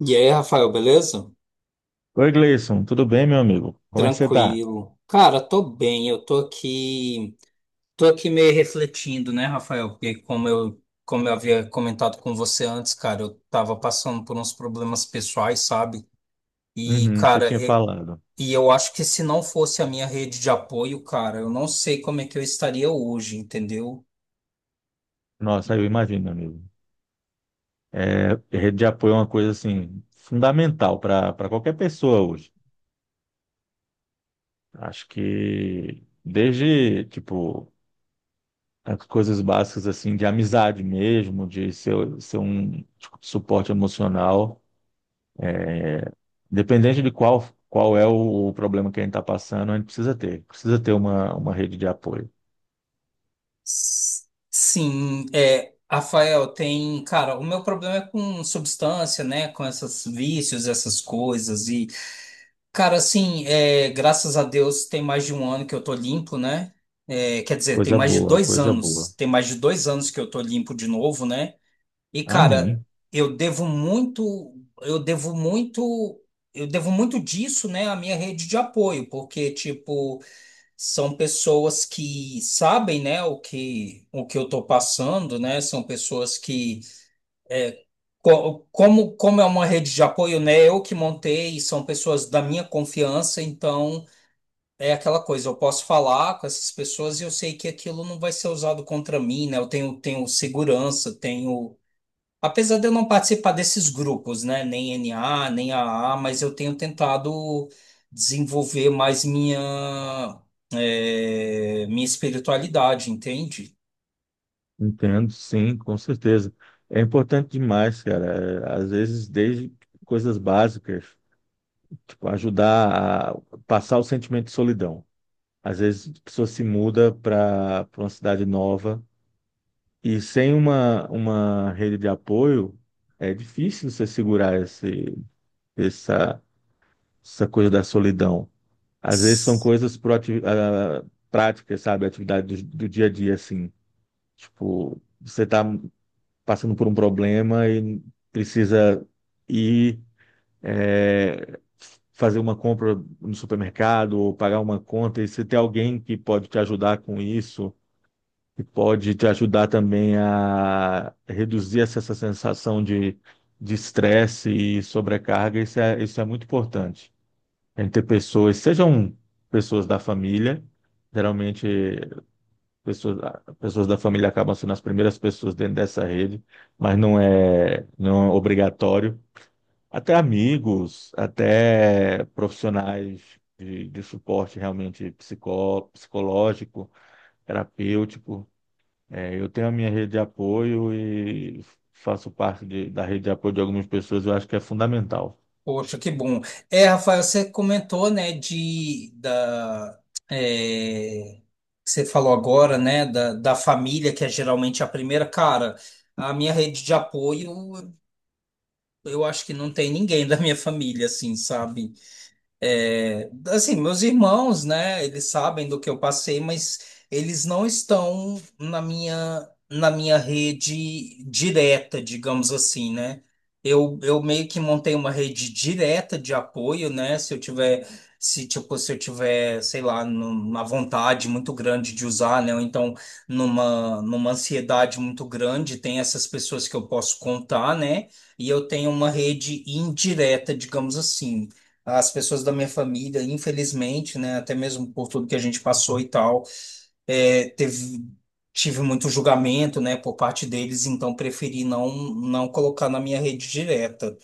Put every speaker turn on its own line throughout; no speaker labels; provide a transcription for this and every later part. E aí, Rafael, beleza?
Oi, Gleison, tudo bem, meu amigo? Como é que você tá?
Tranquilo. Cara, tô bem, eu tô aqui meio refletindo, né, Rafael? Porque como eu havia comentado com você antes, cara, eu tava passando por uns problemas pessoais, sabe? E,
Uhum, você
cara,
tinha
e,
falado.
e eu acho que se não fosse a minha rede de apoio, cara, eu não sei como é que eu estaria hoje, entendeu?
Nossa, eu imagino, meu amigo. É, rede de apoio é uma coisa, assim, fundamental para qualquer pessoa hoje. Acho que desde, tipo, as coisas básicas, assim, de amizade mesmo, de ser um tipo, de suporte emocional, independente de qual, qual é o problema que a gente está passando, a gente precisa ter. Precisa ter uma rede de apoio.
S- Sim, é, Rafael, tem, cara, o meu problema é com substância, né, com esses vícios, essas coisas. Cara, assim, é, graças a Deus tem mais de um ano que eu tô limpo, né? É, quer dizer, tem
Coisa
mais de
boa,
dois
coisa boa.
anos. Tem mais de dois anos que eu tô limpo de novo, né? E, cara,
Amém.
eu devo muito, eu devo muito, eu devo muito disso, né, à minha rede de apoio, porque, tipo, são pessoas que sabem, né, o que eu tô passando, né? São pessoas que. Como é uma rede de apoio, né? Eu que montei, são pessoas da minha confiança, então. É aquela coisa, eu posso falar com essas pessoas e eu sei que aquilo não vai ser usado contra mim, né? Eu tenho, tenho segurança, tenho. Apesar de eu não participar desses grupos, né? Nem NA, nem a mas eu tenho tentado desenvolver mais minha, minha espiritualidade, entende?
Entendo, sim, com certeza. É importante demais, cara. É, às vezes, desde coisas básicas, tipo, ajudar a passar o sentimento de solidão. Às vezes, a pessoa se muda para uma cidade nova e sem uma rede de apoio, é difícil você segurar essa, essa coisa da solidão. Às vezes, são coisas práticas, sabe? Atividade do dia a dia, assim. Tipo, você tá passando por um problema e precisa ir é, fazer uma compra no supermercado ou pagar uma conta, e se tem alguém que pode te ajudar com isso, que pode te ajudar também a reduzir essa sensação de estresse e sobrecarga, isso é muito importante. A gente ter pessoas, sejam pessoas da família, geralmente pessoas, pessoas da família acabam sendo as primeiras pessoas dentro dessa rede, mas não é obrigatório. Até amigos, até profissionais de suporte realmente psicológico, terapêutico. É, eu tenho a minha rede de apoio e faço da rede de apoio de algumas pessoas, eu acho que é fundamental.
Poxa, que bom. É, Rafael, você comentou, né, da, é, você falou agora, né, da família, que é geralmente a primeira. Cara, a minha rede de apoio, eu acho que não tem ninguém da minha família, assim, sabe? É, assim, meus irmãos, né, eles sabem do que eu passei, mas eles não estão na minha rede direta, digamos assim, né? Eu meio que montei uma rede direta de apoio, né? Se eu tiver, sei lá, uma vontade muito grande de usar, né? Ou então numa ansiedade muito grande, tem essas pessoas que eu posso contar, né? E eu tenho uma rede indireta, digamos assim. As pessoas da minha família, infelizmente, né, até mesmo por tudo que a gente passou e tal, é, teve, tive muito julgamento, né, por parte deles, então preferi não, não colocar na minha rede direta.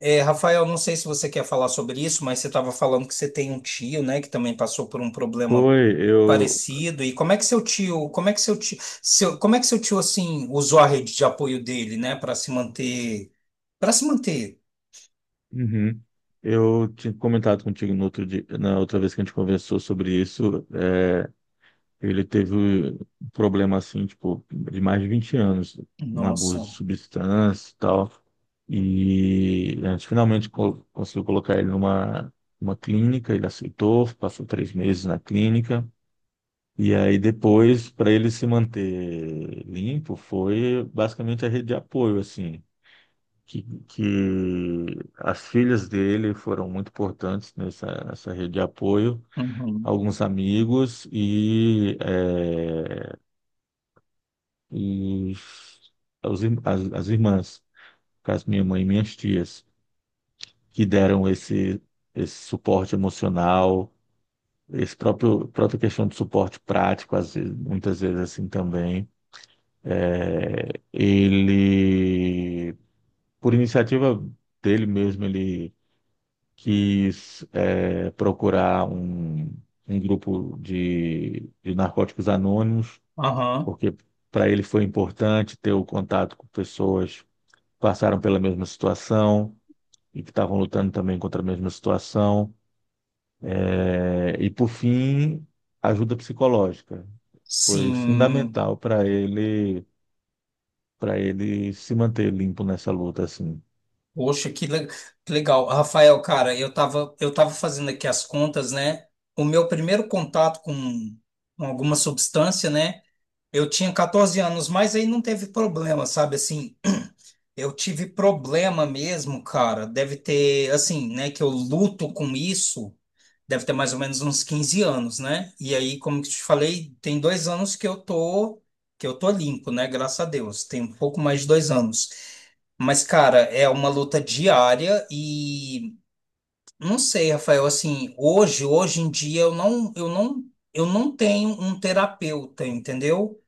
É, Rafael, não sei se você quer falar sobre isso, mas você estava falando que você tem um tio, né, que também passou por um problema
Foi, eu.
parecido. E como é que seu tio, como é que seu tio assim usou a rede de apoio dele, né, para se manter, para se manter?
Uhum. Eu tinha comentado contigo no outro dia, na outra vez que a gente conversou sobre isso. Ele teve um problema assim, tipo, de mais de 20 anos, um abuso de
Nossa.
substância e tal. E a gente finalmente conseguiu colocar ele uma clínica, ele aceitou, passou três meses na clínica. E aí depois, para ele se manter limpo, foi basicamente a rede de apoio, assim, que, que as filhas dele foram muito importantes nessa rede de apoio,
Uhum.
alguns amigos os, as irmãs, no caso minha mãe e minhas tias, que deram esse suporte emocional, esse próprio própria questão de suporte prático, às vezes, muitas vezes assim também. É, ele, por iniciativa dele mesmo, ele quis procurar um grupo de narcóticos anônimos,
Aham.
porque para ele foi importante ter o contato com pessoas passaram pela mesma situação e que estavam lutando também contra a mesma situação. É, e, por fim, ajuda psicológica. Foi
Sim,
fundamental para ele se manter limpo nessa luta, assim.
poxa, que legal. Rafael, cara, eu tava fazendo aqui as contas, né? O meu primeiro contato com alguma substância, né? Eu tinha 14 anos, mas aí não teve problema, sabe? Assim, eu tive problema mesmo, cara. Deve ter, assim, né? Que eu luto com isso, deve ter mais ou menos uns 15 anos, né? E aí, como que te falei, tem 2 anos que eu tô limpo, né? Graças a Deus. Tem um pouco mais de 2 anos. Mas, cara, é uma luta diária e não sei, Rafael, assim, hoje em dia eu não tenho um terapeuta, entendeu?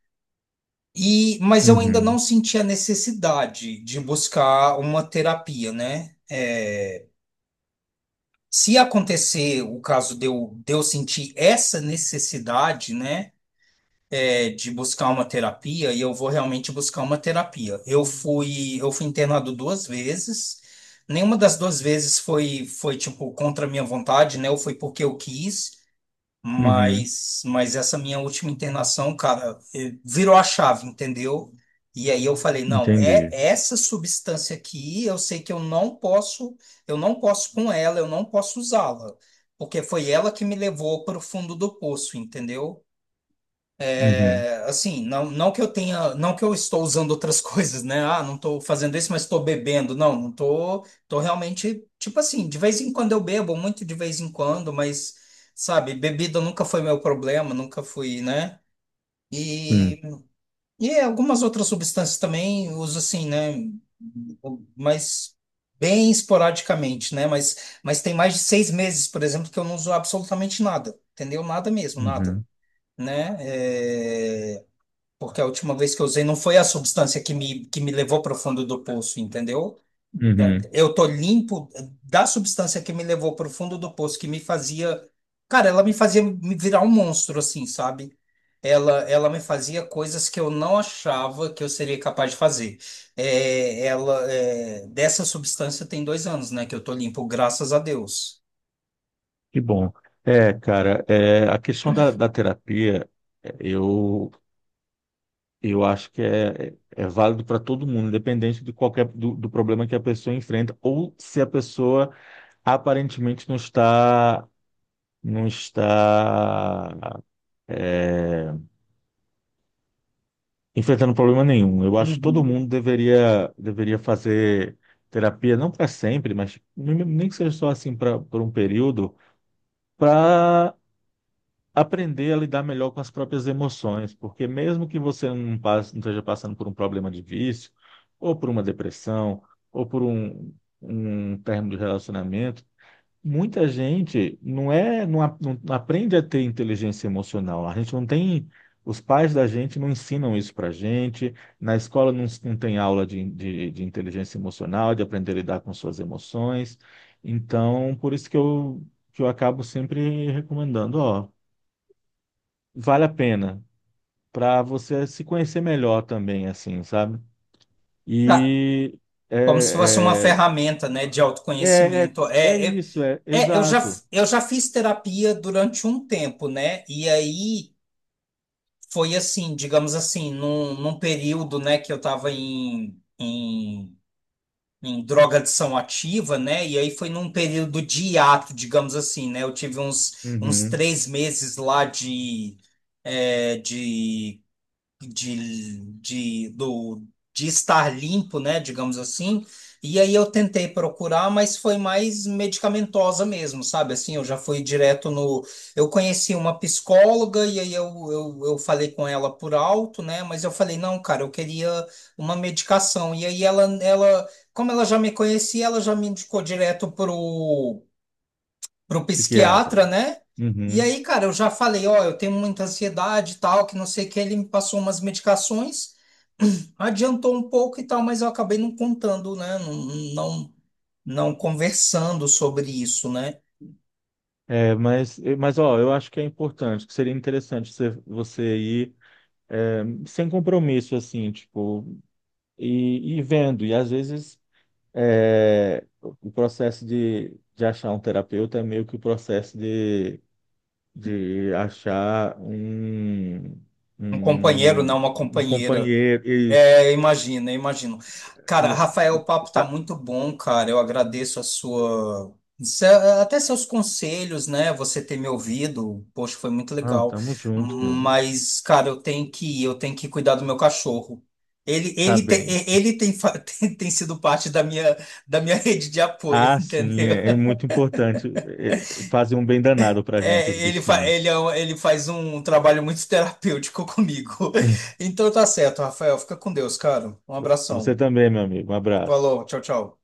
E, mas eu ainda não
Uhum,
senti a necessidade de buscar uma terapia, né? É, se acontecer o caso de eu sentir essa necessidade, né? É, de buscar uma terapia e eu vou realmente buscar uma terapia. Eu fui internado duas vezes. Nenhuma das duas vezes foi tipo contra a minha vontade, né? Ou foi porque eu quis,
uhum,
mas essa minha última internação, cara, virou a chave, entendeu? E aí eu falei, não, é
entendi.
essa substância aqui, eu sei que eu não posso com ela, eu não posso usá-la, porque foi ela que me levou para o fundo do poço, entendeu?
Uhum,
Assim, não, não que eu tenha, não que eu estou usando outras coisas, né? Ah, não estou fazendo isso, mas estou bebendo. Não, não estou, estou realmente, tipo assim, de vez em quando eu bebo, muito de vez em quando, mas, sabe, bebida nunca foi meu problema, nunca fui, né?
sim,
E, e algumas outras substâncias também uso assim, né? Mas bem esporadicamente, né? Mas, tem mais de 6 meses, por exemplo, que eu não uso absolutamente nada, entendeu? Nada mesmo, nada,
uhum,
né? É... Porque a última vez que eu usei não foi a substância que me levou para o fundo do poço, entendeu?
uhum.
Eu tô limpo da substância que me levou para o fundo do poço, que me fazia. Cara, ela me fazia me virar um monstro, assim, sabe? Ela me fazia coisas que eu não achava que eu seria capaz de fazer. É, ela, é, dessa substância tem 2 anos, né, que eu tô limpo, graças a Deus.
Que bom. É, cara, é, a questão da terapia, é, eu Eu acho que é, é válido para todo mundo, independente de qualquer do problema que a pessoa enfrenta, ou se a pessoa aparentemente não está não está é, enfrentando problema nenhum. Eu acho que todo
Uhum.
mundo deveria fazer terapia, não para sempre, mas nem que seja só assim para por um período, para aprender a lidar melhor com as próprias emoções, porque mesmo que você não esteja passando por um problema de vício, ou por uma depressão, ou por um término de relacionamento, muita gente não aprende a ter inteligência emocional. A gente não tem, os pais da gente não ensinam isso para gente, na escola não tem aula de inteligência emocional, de aprender a lidar com suas emoções. Então, por isso que eu acabo sempre recomendando, ó, vale a pena para você se conhecer melhor também, assim, sabe? E
Como se fosse uma
é,
ferramenta, né, de
é, é,
autoconhecimento.
é, é
É, é,
isso, é
é,
exato.
eu já fiz terapia durante um tempo, né? E aí foi assim, digamos assim, num período, né, que eu estava em, em, em drogadição ativa, né? E aí foi num período de hiato, digamos assim, né? Eu tive uns, uns
Uhum,
3 meses lá de, é, de, de, do, de estar limpo, né, digamos assim. E aí eu tentei procurar, mas foi mais medicamentosa mesmo, sabe? Assim, eu já fui direto no. Eu conheci uma psicóloga e aí eu falei com ela por alto, né? Mas eu falei, não, cara, eu queria uma medicação. E aí como ela já me conhecia, ela já me indicou direto pro para o
psiquiatra.
psiquiatra, né? E
Uhum.
aí, cara, eu já falei, ó, eu tenho muita ansiedade e tal, que não sei o que, ele me passou umas medicações, adiantou um pouco e tal, mas eu acabei não contando, né? Não, não, não conversando sobre isso, né?
É, mas ó, eu acho que é importante, que seria interessante você ir sem compromisso, assim, tipo, e vendo. E às vezes o processo de achar um terapeuta é meio que o processo de de achar um,
Um companheiro, não
um,
uma
um
companheira.
companheiro. Isso.
É, imagina, imagino. Cara,
Não,
Rafael, o papo tá
ah,
muito bom, cara. Eu agradeço a sua, até seus conselhos, né? Você ter me ouvido, poxa, foi muito
não,
legal.
tamo junto, meu amigo.
Mas, cara, eu tenho que cuidar do meu cachorro.
Tá bem.
Tem, sido parte da minha rede de apoio,
Ah, sim,
entendeu?
é, é muito importante fazer um bem danado pra gente, os
É,
bichinhos.
é ele faz um trabalho muito terapêutico comigo. Então tá certo, Rafael. Fica com Deus, cara. Um
Você
abração.
também, meu amigo. Um abraço.
Falou, tchau, tchau.